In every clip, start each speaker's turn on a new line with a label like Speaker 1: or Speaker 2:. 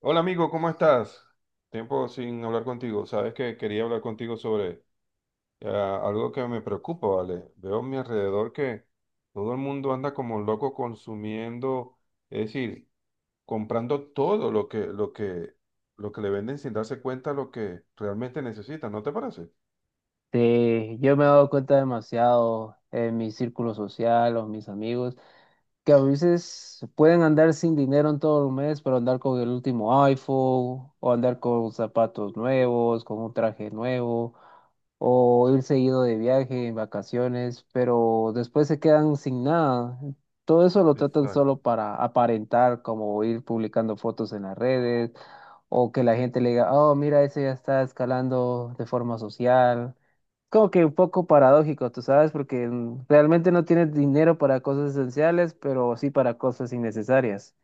Speaker 1: Hola amigo, ¿cómo estás? Tiempo sin hablar contigo. Sabes que quería hablar contigo sobre algo que me preocupa, ¿vale? Veo a mi alrededor que todo el mundo anda como loco consumiendo, es decir, comprando todo lo que le venden sin darse cuenta lo que realmente necesitan, ¿no te parece?
Speaker 2: Sí, yo me he dado cuenta demasiado en mi círculo social o mis amigos que a veces pueden andar sin dinero en todo el mes, pero andar con el último iPhone o andar con zapatos nuevos, con un traje nuevo o ir seguido de viaje en vacaciones, pero después se quedan sin nada. Todo eso lo tratan
Speaker 1: Exacto.
Speaker 2: solo para aparentar, como ir publicando fotos en las redes o que la gente le diga, oh, mira, ese ya está escalando de forma social, como que un poco paradójico, tú sabes, porque realmente no tienes dinero para cosas esenciales, pero sí para cosas innecesarias.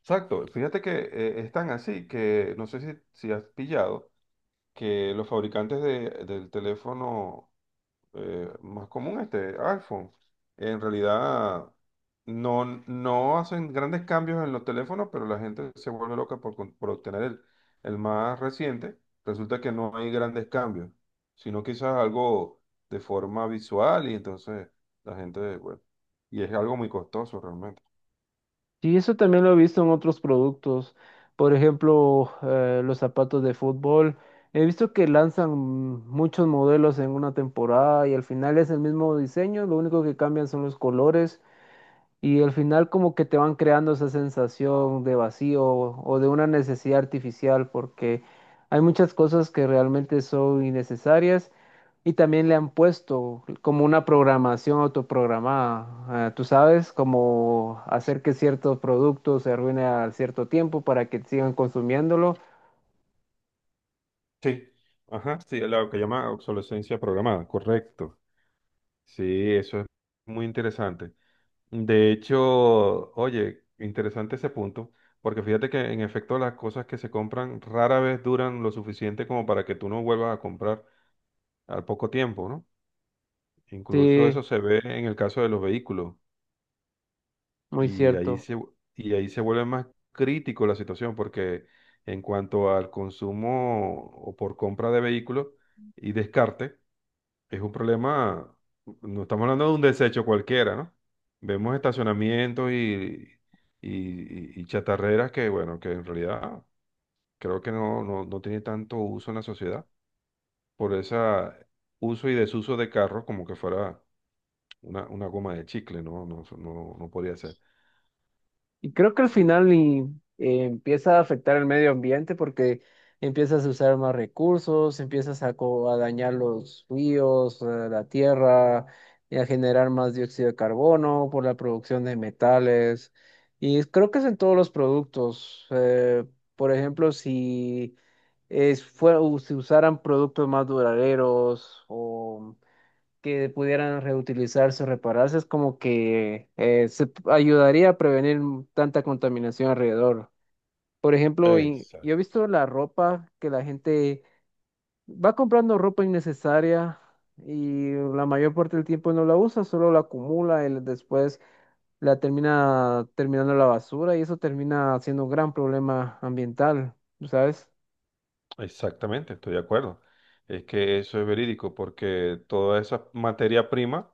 Speaker 1: Exacto. Fíjate que es tan así que no sé si has pillado que los fabricantes del teléfono más común, este iPhone. En realidad no hacen grandes cambios en los teléfonos, pero la gente se vuelve loca por, por obtener el más reciente. Resulta que no hay grandes cambios, sino quizás algo de forma visual, y entonces la gente, bueno, y es algo muy costoso realmente.
Speaker 2: Y eso también lo he visto en otros productos, por ejemplo, los zapatos de fútbol. He visto que lanzan muchos modelos en una temporada y al final es el mismo diseño, lo único que cambian son los colores. Y al final como que te van creando esa sensación de vacío o de una necesidad artificial porque hay muchas cosas que realmente son innecesarias, y también le han puesto como una programación autoprogramada, tú sabes, como hacer que ciertos productos se arruinen a cierto tiempo para que sigan consumiéndolo.
Speaker 1: Sí, ajá, sí, lo que llama obsolescencia programada, correcto. Sí, eso es muy interesante. De hecho, oye, interesante ese punto, porque fíjate que en efecto las cosas que se compran rara vez duran lo suficiente como para que tú no vuelvas a comprar al poco tiempo, ¿no? Incluso
Speaker 2: Sí,
Speaker 1: eso se ve en el caso de los vehículos,
Speaker 2: muy
Speaker 1: y ahí
Speaker 2: cierto.
Speaker 1: se, y ahí se vuelve más crítico la situación, porque en cuanto al consumo o por compra de vehículos y descarte, es un problema. No estamos hablando de un desecho cualquiera, ¿no? Vemos estacionamientos y- y chatarreras que, bueno, que en realidad creo que no tiene tanto uso en la sociedad por ese uso y desuso de carros, como que fuera una goma de chicle, ¿no? No podría ser.
Speaker 2: Y creo que al
Speaker 1: Sí.
Speaker 2: final empieza a afectar el medio ambiente porque empiezas a usar más recursos, empiezas a, a dañar los ríos, la tierra, y a generar más dióxido de carbono por la producción de metales. Y creo que es en todos los productos. Por ejemplo, si si usaran productos más duraderos o que pudieran reutilizarse o repararse, es como que ayudaría a prevenir tanta contaminación alrededor. Por ejemplo, yo he
Speaker 1: Exacto.
Speaker 2: visto la ropa que la gente va comprando ropa innecesaria y la mayor parte del tiempo no la usa, solo la acumula y después la termina terminando en la basura, y eso termina siendo un gran problema ambiental, ¿sabes?
Speaker 1: Exactamente, estoy de acuerdo. Es que eso es verídico porque toda esa materia prima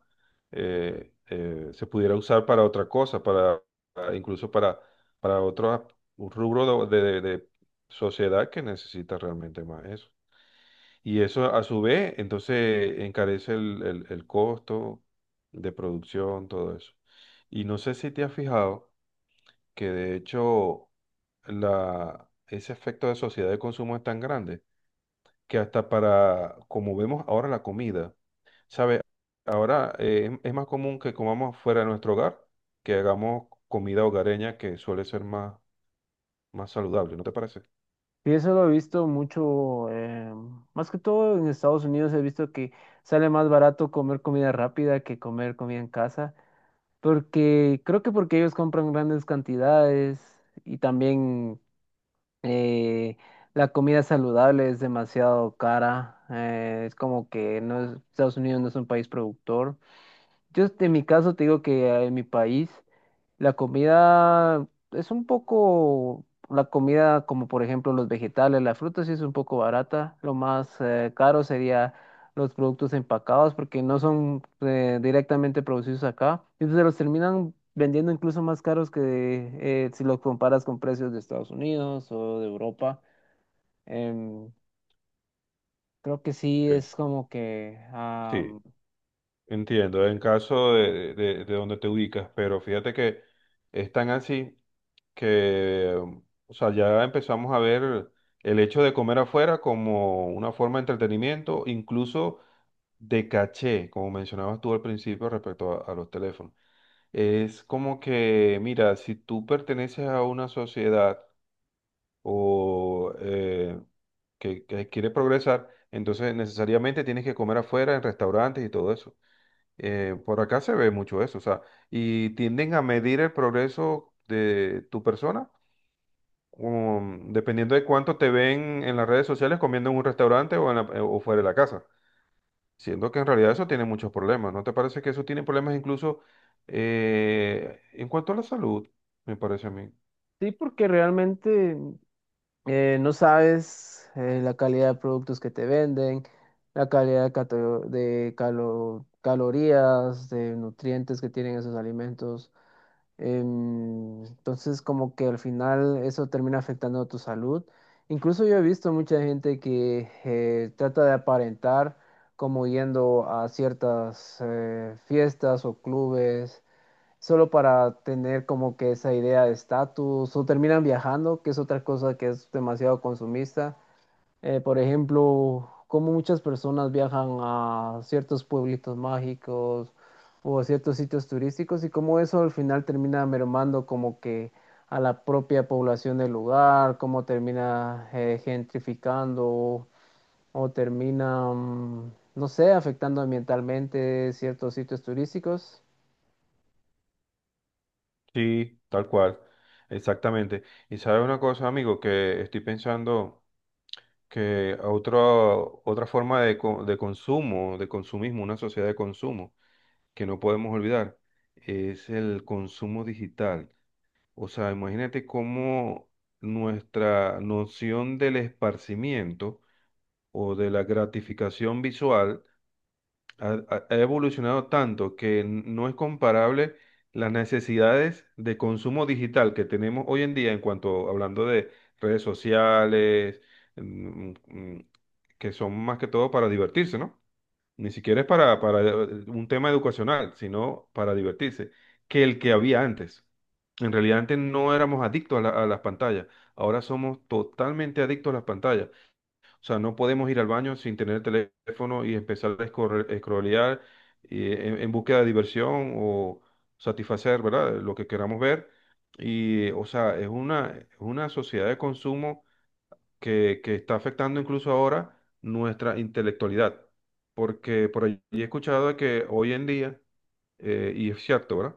Speaker 1: se pudiera usar para otra cosa, para incluso para otro rubro de, de sociedad que necesita realmente más eso. Y eso a su vez, entonces, encarece el costo de producción, todo eso. Y no sé si te has fijado que de hecho ese efecto de sociedad de consumo es tan grande que hasta para, como vemos ahora la comida, ¿sabe? Ahora es más común que comamos fuera de nuestro hogar que hagamos comida hogareña, que suele ser más, más saludable, ¿no te parece?
Speaker 2: Y eso lo he visto mucho, más que todo en Estados Unidos he visto que sale más barato comer comida rápida que comer comida en casa, porque creo que porque ellos compran grandes cantidades y también eh, la comida saludable es demasiado cara, es como que Estados Unidos no es un país productor. Yo este, en mi caso te digo que en mi país la comida es un poco, la comida como por ejemplo los vegetales, las frutas sí es un poco barata. Lo más caro sería los productos empacados porque no son directamente producidos acá. Entonces los terminan vendiendo incluso más caros que si los comparas con precios de Estados Unidos o de Europa. Em, creo que sí
Speaker 1: Sí.
Speaker 2: es como que...
Speaker 1: Sí, entiendo, en caso de, de donde te ubicas, pero fíjate que es tan así que, o sea, ya empezamos a ver el hecho de comer afuera como una forma de entretenimiento, incluso de caché, como mencionabas tú al principio respecto a los teléfonos. Es como que, mira, si tú perteneces a una sociedad o que quiere progresar, entonces necesariamente tienes que comer afuera en restaurantes y todo eso. Por acá se ve mucho eso, o sea, y tienden a medir el progreso de tu persona, dependiendo de cuánto te ven en las redes sociales comiendo en un restaurante o, o fuera de la casa. Siendo que en realidad eso tiene muchos problemas, ¿no te parece que eso tiene problemas incluso en cuanto a la salud? Me parece a mí.
Speaker 2: Sí, porque realmente no sabes la calidad de productos que te venden, la calidad de, calorías, de nutrientes que tienen esos alimentos. Entonces, como que al final eso termina afectando a tu salud. Incluso yo he visto mucha gente que trata de aparentar como yendo a ciertas fiestas o clubes solo para tener como que esa idea de estatus, o terminan viajando, que es otra cosa que es demasiado consumista. Por ejemplo, como muchas personas viajan a ciertos pueblitos mágicos o a ciertos sitios turísticos, y cómo eso al final termina mermando como que a la propia población del lugar, cómo termina gentrificando o termina, no sé, afectando ambientalmente ciertos sitios turísticos.
Speaker 1: Sí, tal cual, exactamente. Y sabes una cosa, amigo, que estoy pensando que otra forma de, de consumo, de consumismo, una sociedad de consumo que no podemos olvidar, es el consumo digital. O sea, imagínate cómo nuestra noción del esparcimiento o de la gratificación visual ha, ha evolucionado tanto que no es comparable las necesidades de consumo digital que tenemos hoy en día, en cuanto hablando de redes sociales, mm, mm, que son más que todo para divertirse, ¿no? Ni siquiera es para un tema educacional, sino para divertirse, que el que había antes. En realidad antes no éramos adictos a a las pantallas, ahora somos totalmente adictos a las pantallas. O sea, no podemos ir al baño sin tener el teléfono y empezar a scrollear en búsqueda de diversión o satisfacer, ¿verdad? Lo que queramos ver. Y, o sea, es una sociedad de consumo que está afectando incluso ahora nuestra intelectualidad. Porque por allí he escuchado de que hoy en día, y es cierto, ¿verdad?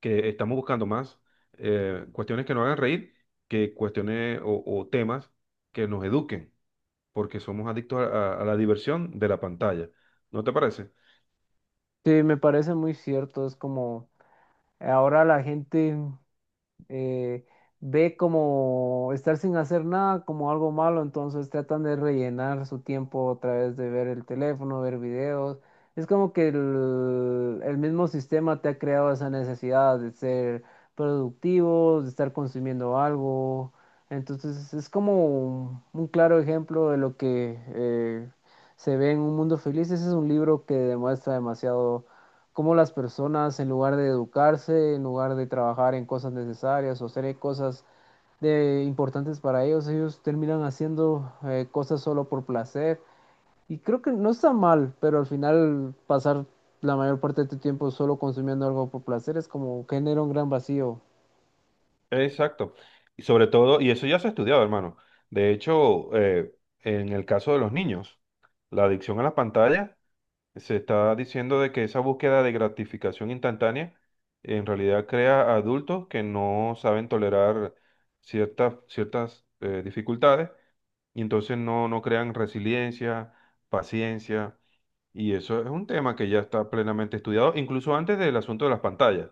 Speaker 1: Que estamos buscando más cuestiones que nos hagan reír que cuestiones o temas que nos eduquen, porque somos adictos a, a la diversión de la pantalla. ¿No te parece?
Speaker 2: Sí, me parece muy cierto. Es como ahora la gente eh, ve como estar sin hacer nada como algo malo, entonces tratan de rellenar su tiempo a través de ver el teléfono, ver videos. Es como que el mismo sistema te ha creado esa necesidad de ser productivo, de estar consumiendo algo. Entonces es como un claro ejemplo de lo que se ve en Un Mundo Feliz. Ese es un libro que demuestra demasiado cómo las personas, en lugar de educarse, en lugar de trabajar en cosas necesarias o hacer cosas de, importantes para ellos, ellos terminan haciendo cosas solo por placer. Y creo que no está mal, pero al final pasar la mayor parte de tu tiempo solo consumiendo algo por placer es como genera un gran vacío.
Speaker 1: Exacto. Y sobre todo, y eso ya se ha estudiado, hermano. De hecho, en el caso de los niños, la adicción a la pantalla, se está diciendo de que esa búsqueda de gratificación instantánea en realidad crea adultos que no saben tolerar ciertas dificultades, y entonces no crean resiliencia, paciencia. Y eso es un tema que ya está plenamente estudiado, incluso antes del asunto de las pantallas,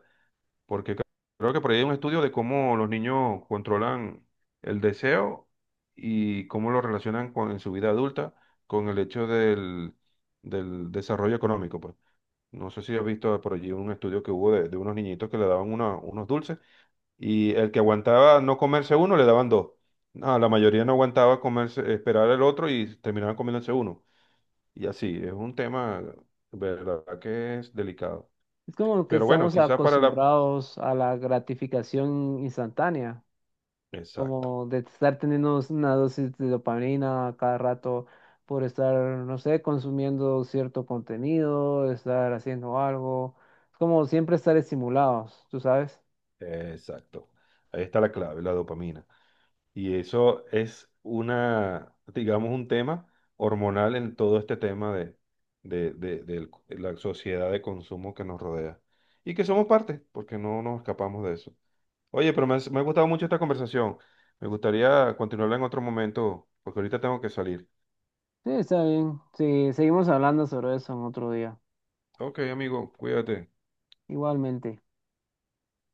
Speaker 1: porque creo que por ahí hay un estudio de cómo los niños controlan el deseo y cómo lo relacionan con, en su vida adulta, con el hecho del desarrollo económico, pues. No sé si has visto por allí un estudio que hubo de unos niñitos que le daban unos dulces, y el que aguantaba no comerse uno, le daban 2. No, la mayoría no aguantaba comerse, esperar el otro, y terminaban comiéndose uno. Y así, es un tema, verdad que es delicado.
Speaker 2: Es como que
Speaker 1: Pero bueno,
Speaker 2: estamos
Speaker 1: quizás para la...
Speaker 2: acostumbrados a la gratificación instantánea,
Speaker 1: Exacto,
Speaker 2: como de estar teniendo una dosis de dopamina a cada rato por estar, no sé, consumiendo cierto contenido, estar haciendo algo, es como siempre estar estimulados, ¿tú sabes?
Speaker 1: exacto. Ahí está la clave, la dopamina. Y eso es una, digamos, un tema hormonal en todo este tema de, de la sociedad de consumo que nos rodea. Y que somos parte, porque no nos escapamos de eso. Oye, pero me, me ha gustado mucho esta conversación. Me gustaría continuarla en otro momento, porque ahorita tengo que salir.
Speaker 2: Sí, está bien. Sí, seguimos hablando sobre eso en otro día.
Speaker 1: Ok, amigo, cuídate.
Speaker 2: Igualmente.